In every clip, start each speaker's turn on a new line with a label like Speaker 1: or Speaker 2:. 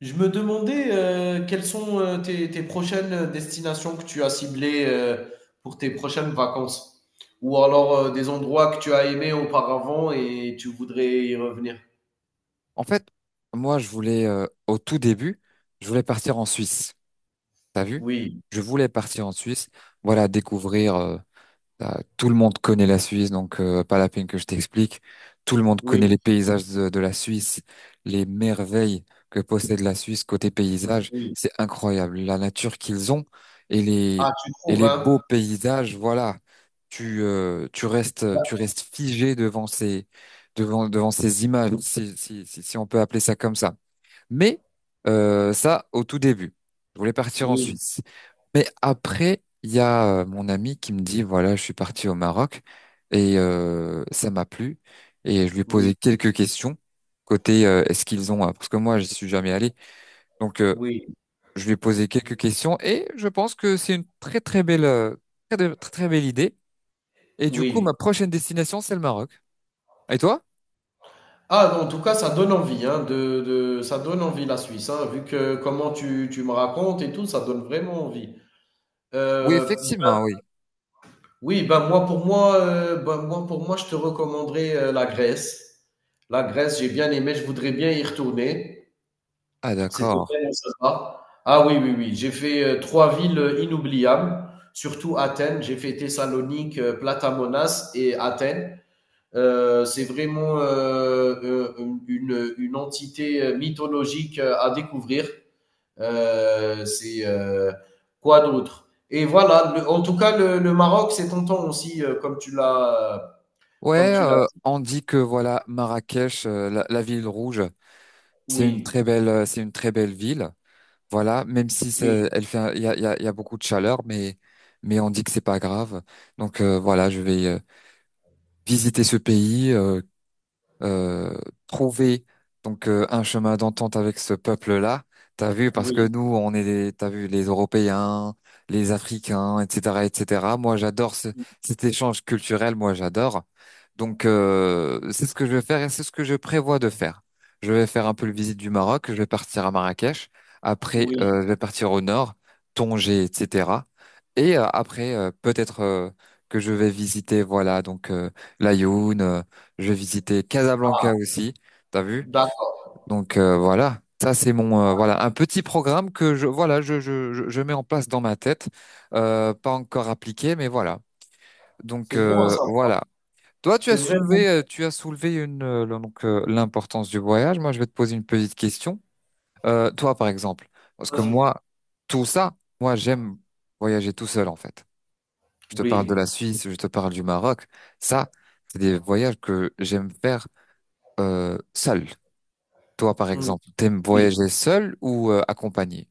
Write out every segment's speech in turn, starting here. Speaker 1: Je me demandais quelles sont tes prochaines destinations que tu as ciblées pour tes prochaines vacances, ou alors des endroits que tu as aimés auparavant et tu voudrais y revenir.
Speaker 2: En fait, moi, je voulais, au tout début, je voulais partir en Suisse. T'as vu?
Speaker 1: Oui,
Speaker 2: Je voulais partir en Suisse, voilà, découvrir, tout le monde connaît la Suisse, pas la peine que je t'explique. Tout le monde connaît
Speaker 1: oui,
Speaker 2: les paysages de la Suisse, les merveilles que possède la Suisse côté paysage.
Speaker 1: oui.
Speaker 2: C'est incroyable. La nature qu'ils ont et
Speaker 1: Ah,
Speaker 2: les,
Speaker 1: tu
Speaker 2: et
Speaker 1: trouves,
Speaker 2: les beaux
Speaker 1: hein?
Speaker 2: paysages, voilà.
Speaker 1: Bah,
Speaker 2: Tu restes figé devant ces images, si on peut appeler ça comme ça. Mais ça, au tout début, je voulais partir en
Speaker 1: oui,
Speaker 2: Suisse. Mais après, il y a mon ami qui me dit, voilà, je suis parti au Maroc et ça m'a plu. Et je lui ai
Speaker 1: oui,
Speaker 2: posé quelques questions côté est-ce qu'ils ont, parce que moi, je suis jamais allé. Donc, euh,
Speaker 1: oui,
Speaker 2: je lui ai posé quelques questions et je pense que c'est une très très belle, très très belle idée. Et du coup,
Speaker 1: oui.
Speaker 2: ma prochaine destination, c'est le Maroc. Et toi?
Speaker 1: Ah, en tout cas, ça donne envie, hein, ça donne envie la Suisse, hein, vu que comment tu me racontes et tout, ça donne vraiment envie.
Speaker 2: Oui,
Speaker 1: Euh,
Speaker 2: effectivement, oui.
Speaker 1: Oui, ben moi pour moi, je te recommanderais la Grèce. La Grèce, j'ai bien aimé, je voudrais bien y retourner.
Speaker 2: Ah,
Speaker 1: C'était
Speaker 2: d'accord.
Speaker 1: vraiment sympa. Ah oui, oui, oui. J'ai fait trois villes inoubliables, surtout Athènes. J'ai fait Thessalonique, Platamonas et Athènes. C'est vraiment Une entité mythologique à découvrir. C'est quoi d'autre Et voilà, en tout cas, le Maroc, c'est tentant aussi, comme tu l'as, comme
Speaker 2: Ouais,
Speaker 1: tu l'as.
Speaker 2: on dit que voilà Marrakech, la ville rouge, c'est une très
Speaker 1: Oui,
Speaker 2: belle, c'est une très belle ville. Voilà, même si c'est-
Speaker 1: oui,
Speaker 2: elle fait, un- il y a, il y a, il y a beaucoup de chaleur, mais on dit que c'est pas grave. Voilà, je vais visiter ce pays. Euh, trouver donc Un chemin d'entente avec ce peuple-là. T'as vu, parce que
Speaker 1: oui,
Speaker 2: nous, on est des, t'as vu, les Européens, les Africains, etc., etc. Cet échange culturel. Moi, j'adore. C'est ce que je vais faire et c'est ce que je prévois de faire. Je vais faire un peu le visite du Maroc. Je vais partir à Marrakech. Après,
Speaker 1: oui.
Speaker 2: je vais partir au nord, Tanger, etc. Et après, peut-être que je vais visiter, l'Aïoun. Je visitais Casablanca aussi, t'as vu?
Speaker 1: D'accord.
Speaker 2: Voilà, ça c'est mon voilà un petit programme que je voilà je mets en place dans ma tête, pas encore appliqué mais voilà.
Speaker 1: C'est bon à savoir.
Speaker 2: Voilà. Toi
Speaker 1: C'est vraiment.
Speaker 2: tu as soulevé une l'importance du voyage. Moi je vais te poser une petite question. Toi par exemple, parce que
Speaker 1: Vas-y.
Speaker 2: moi tout ça, moi j'aime voyager tout seul en fait. Je te parle de la
Speaker 1: Oui,
Speaker 2: Suisse, je te parle du Maroc. Ça c'est des voyages que j'aime faire seul. Toi, par
Speaker 1: mm,
Speaker 2: exemple, t'aimes
Speaker 1: oui.
Speaker 2: voyager seul ou accompagné?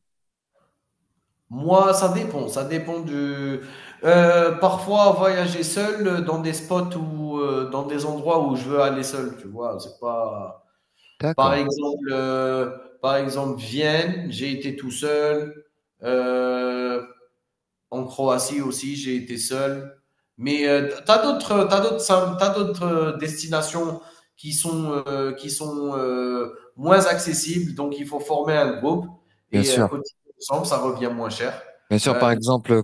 Speaker 1: Moi, ça dépend. Ça dépend du. Parfois, voyager seul dans des spots ou dans des endroits où je veux aller seul, tu vois. C'est pas. Par
Speaker 2: D'accord,
Speaker 1: exemple, Vienne, j'ai été tout seul. Euh, en Croatie aussi, j'ai été seul. Mais tu t'as d'autres, t'as d'autres, t'as d'autres destinations qui sont moins accessibles, donc il faut former un groupe
Speaker 2: bien
Speaker 1: et
Speaker 2: sûr.
Speaker 1: cotiser ensemble, ça revient moins cher.
Speaker 2: Bien sûr,
Speaker 1: Ben,
Speaker 2: exemple, euh,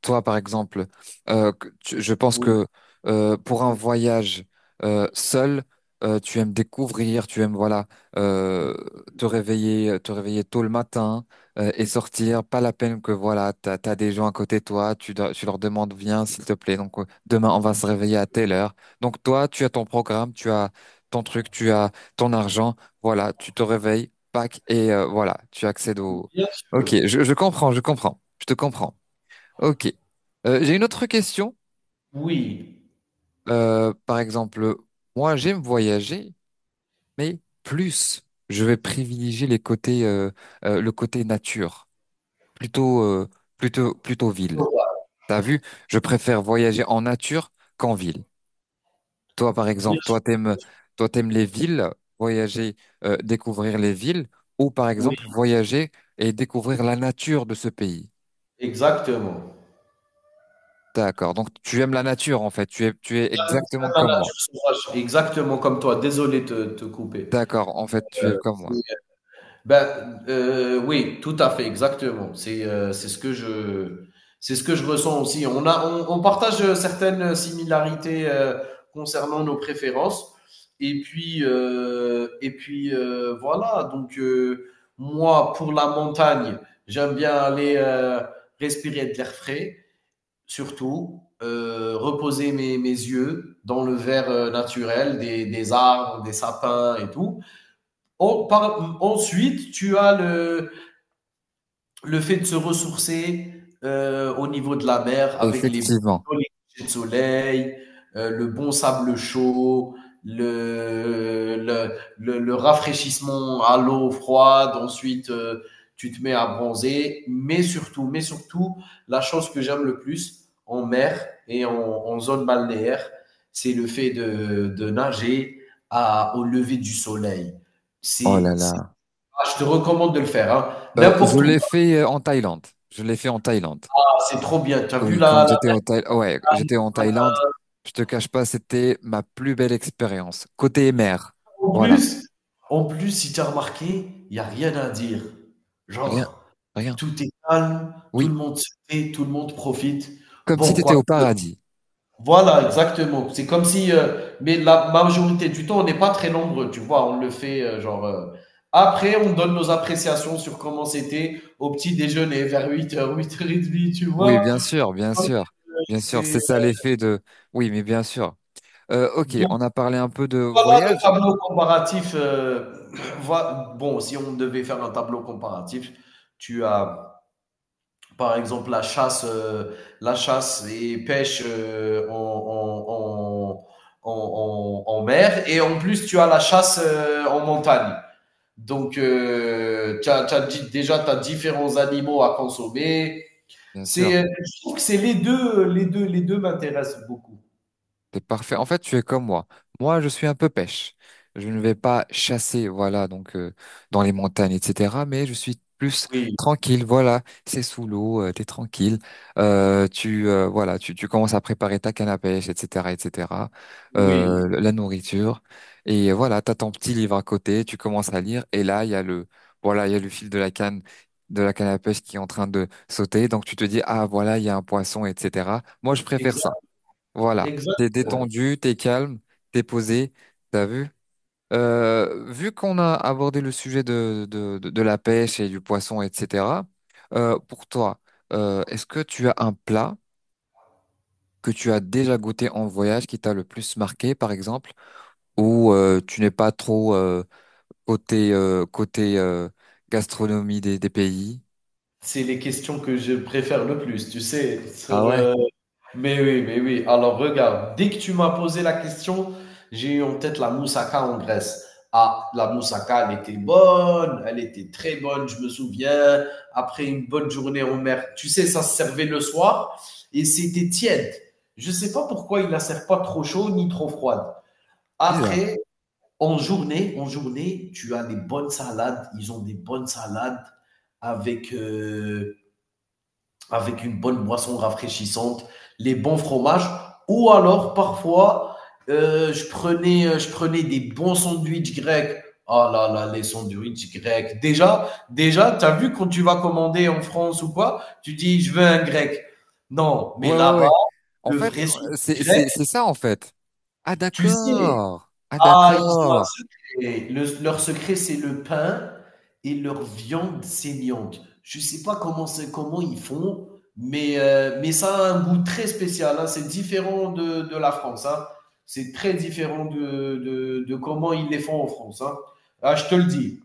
Speaker 2: toi, par exemple, je pense
Speaker 1: oui,
Speaker 2: que pour un voyage seul, tu aimes découvrir, tu aimes voilà euh, te réveiller tôt le matin et sortir. Pas la peine que voilà, t'as des gens à côté de toi, tu leur demandes viens s'il te plaît. Demain on va se réveiller à telle heure. Donc toi, tu as ton programme, tu as ton truc, tu as ton argent. Voilà, tu te réveilles, pack et voilà, tu accèdes.
Speaker 1: bien sûr,
Speaker 2: Je comprends, je comprends, je te comprends. Ok. J'ai une autre question.
Speaker 1: oui,
Speaker 2: Par exemple, moi j'aime voyager, mais plus je vais privilégier le côté nature, plutôt, euh, plutôt ville. T'as vu? Je préfère voyager en nature qu'en ville. Toi, par
Speaker 1: bien
Speaker 2: exemple,
Speaker 1: sûr, bien sûr.
Speaker 2: toi t'aimes les villes, voyager, découvrir les villes, ou par exemple
Speaker 1: Oui,
Speaker 2: voyager et découvrir la nature de ce pays.
Speaker 1: exactement.
Speaker 2: D'accord. Donc tu aimes la nature en fait. Tu es
Speaker 1: J'aime
Speaker 2: exactement
Speaker 1: la
Speaker 2: comme
Speaker 1: nature
Speaker 2: moi.
Speaker 1: sauvage, exactement comme toi. Désolé de te couper.
Speaker 2: D'accord. En fait, tu
Speaker 1: Euh,
Speaker 2: es comme moi.
Speaker 1: c'est- ben, oui, tout à fait, exactement. C'est ce que je ressens aussi. On partage certaines similarités concernant nos préférences. Et puis voilà. Donc moi, pour la montagne, j'aime bien aller respirer de l'air frais surtout reposer mes yeux dans le verre naturel des arbres, des sapins et tout. Ensuite, le fait de se ressourcer, au niveau de la mer avec les
Speaker 2: Effectivement.
Speaker 1: jolis couchers de soleil, le bon sable chaud, le le le rafraîchissement à l'eau froide, ensuite, tu te mets à bronzer, mais surtout, la chose que j'aime le plus en mer et en zone balnéaire, c'est le fait de nager à au lever du soleil.
Speaker 2: Oh là
Speaker 1: C'est
Speaker 2: là.
Speaker 1: Ah, je te recommande de le faire, hein,
Speaker 2: Je
Speaker 1: n'importe où.
Speaker 2: l'ai fait en Thaïlande. Je l'ai fait en Thaïlande.
Speaker 1: Ah, c'est trop bien. Tu as vu
Speaker 2: Oui, quand j'étais au Thaï... ouais, j'étais en Thaïlande. Je te cache pas, c'était ma plus belle expérience. Côté mer.
Speaker 1: En
Speaker 2: Voilà.
Speaker 1: plus, si tu as remarqué, il n'y a rien à dire.
Speaker 2: Rien,
Speaker 1: Genre,
Speaker 2: rien.
Speaker 1: tout est calme, tout le
Speaker 2: Oui.
Speaker 1: monde se fait, tout le monde profite.
Speaker 2: Comme si
Speaker 1: Bon,
Speaker 2: tu étais
Speaker 1: quoi.
Speaker 2: au paradis.
Speaker 1: Voilà, exactement. C'est comme si, mais la majorité du temps, on n'est pas très nombreux, tu vois. On le fait, genre. Après, on donne nos appréciations sur comment c'était au petit déjeuner vers 8h, 8h30, tu
Speaker 2: Oui,
Speaker 1: vois.
Speaker 2: bien sûr, bien
Speaker 1: Donc,
Speaker 2: sûr. Bien sûr,
Speaker 1: c'est.
Speaker 2: c'est ça l'effet de. Oui, mais bien sûr. Ok, on a parlé un peu de
Speaker 1: Voilà le
Speaker 2: voyage.
Speaker 1: tableau comparatif. Bon, si on devait faire un tableau comparatif, tu as par exemple la chasse et pêche en mer, et en plus tu as la chasse en montagne. Donc, tu as, déjà tu as différents animaux à consommer.
Speaker 2: Bien sûr.
Speaker 1: C'est, je trouve que c'est les deux m'intéressent beaucoup.
Speaker 2: T'es parfait. En fait, tu es comme moi. Moi, je suis un peu pêche. Je ne vais pas chasser, voilà, dans les montagnes, etc. Mais je suis plus
Speaker 1: Oui,
Speaker 2: tranquille, voilà. C'est sous l'eau, t'es tranquille. Tu commences à préparer ta canne à pêche, etc., etc.
Speaker 1: oui,
Speaker 2: La nourriture et voilà, t'as ton petit livre à côté. Tu commences à lire et là, il y a le fil de la canne à pêche qui est en train de sauter. Donc tu te dis, ah voilà, il y a un poisson, etc. Moi, je préfère ça.
Speaker 1: exact,
Speaker 2: Voilà, t'es
Speaker 1: exactement.
Speaker 2: détendu, t'es calme, t'es posé, t'as vu? Vu qu'on a abordé le sujet de la pêche et du poisson, etc., pour toi, est-ce que tu as un plat que tu as déjà goûté en voyage qui t'a le plus marqué, par exemple, ou tu n'es pas trop côté gastronomie des pays?
Speaker 1: C'est les questions que je préfère le plus, tu sais,
Speaker 2: Ah
Speaker 1: sur,
Speaker 2: ouais,
Speaker 1: mais oui, mais oui. Alors regarde, dès que tu m'as posé la question, j'ai eu en tête la moussaka en Grèce. Ah, la moussaka, elle était bonne, elle était très bonne, je me souviens. Après une bonne journée en mer, tu sais, ça se servait le soir et c'était tiède. Je ne sais pas pourquoi ils la servent pas trop chaud ni trop froide.
Speaker 2: bizarre.
Speaker 1: Après, en journée, tu as des bonnes salades, ils ont des bonnes salades avec, avec une bonne boisson rafraîchissante, les bons fromages, ou alors parfois je prenais des bons sandwichs grecs. Ah là là, les sandwichs grecs. Déjà, tu as vu quand tu vas commander en France ou quoi, tu dis je veux un grec. Non, mais
Speaker 2: Ouais, ouais,
Speaker 1: là-bas,
Speaker 2: ouais. En
Speaker 1: le
Speaker 2: fait,
Speaker 1: vrai sandwich grec,
Speaker 2: c'est ça, en fait. Ah
Speaker 1: tu sais,
Speaker 2: d'accord, ah
Speaker 1: ah, ils ont un
Speaker 2: d'accord.
Speaker 1: secret. Leur secret, c'est le pain et leur viande saignante. Je ne sais pas comment c'est, comment ils font, mais ça a un goût très spécial, hein. C'est différent de la France, hein. C'est très différent de comment ils les font en France, hein. Ah, je te le dis.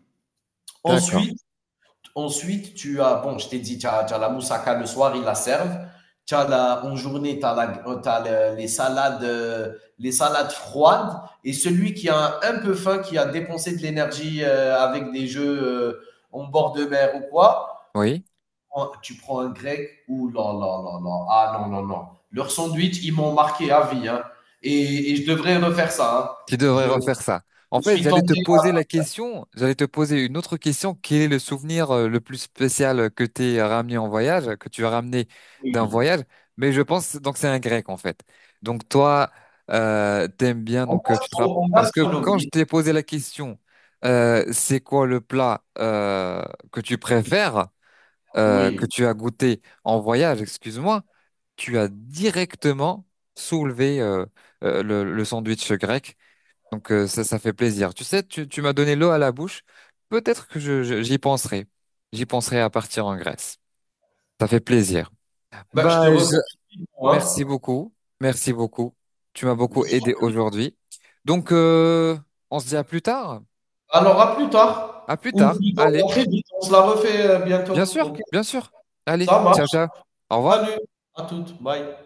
Speaker 2: D'accord.
Speaker 1: Ensuite, Ensuite, tu as, bon, je t'ai dit, tu as la moussaka le soir, ils la servent. En journée, tu as les salades, les salades froides. Et celui qui a un peu faim, qui a dépensé de l'énergie avec des jeux en bord de mer ou quoi,
Speaker 2: Oui,
Speaker 1: tu prends un grec ou là, là, là, là. Ah non, non, non. Leur sandwich, ils m'ont marqué à vie, hein. Et je devrais refaire ça, hein.
Speaker 2: qui devrait
Speaker 1: Je,
Speaker 2: refaire ça. En fait,
Speaker 1: suis
Speaker 2: j'allais te
Speaker 1: tenté.
Speaker 2: poser la question, j'allais te poser une autre question. Quel est le souvenir le plus spécial que t'es ramené en voyage, que tu as ramené d'un
Speaker 1: Oui.
Speaker 2: voyage? Mais je pense donc c'est un grec en fait. Donc toi, t'aimes bien
Speaker 1: En
Speaker 2: parce que quand je
Speaker 1: gastronomie,
Speaker 2: t'ai posé la question, c'est quoi le plat que tu préfères que
Speaker 1: oui.
Speaker 2: tu as goûté en voyage? Excuse-moi, tu as directement soulevé le sandwich grec. Donc ça, ça fait plaisir. Tu sais, tu m'as donné l'eau à la bouche. Peut-être que j'y penserai. J'y penserai à partir en Grèce. Ça fait plaisir.
Speaker 1: Bah,
Speaker 2: Bah,
Speaker 1: je te
Speaker 2: je-
Speaker 1: recommande vivement,
Speaker 2: merci
Speaker 1: hein.
Speaker 2: beaucoup. Merci beaucoup. Tu m'as beaucoup aidé aujourd'hui. Donc, euh, on se dit à plus tard.
Speaker 1: Alors à plus tard,
Speaker 2: À plus
Speaker 1: ou
Speaker 2: tard.
Speaker 1: plutôt à
Speaker 2: Allez,
Speaker 1: très vite, on se la refait, bientôt,
Speaker 2: bien sûr,
Speaker 1: OK?
Speaker 2: bien sûr. Allez,
Speaker 1: Ça
Speaker 2: ciao,
Speaker 1: marche.
Speaker 2: ciao. Au
Speaker 1: Salut,
Speaker 2: revoir.
Speaker 1: à toutes, bye.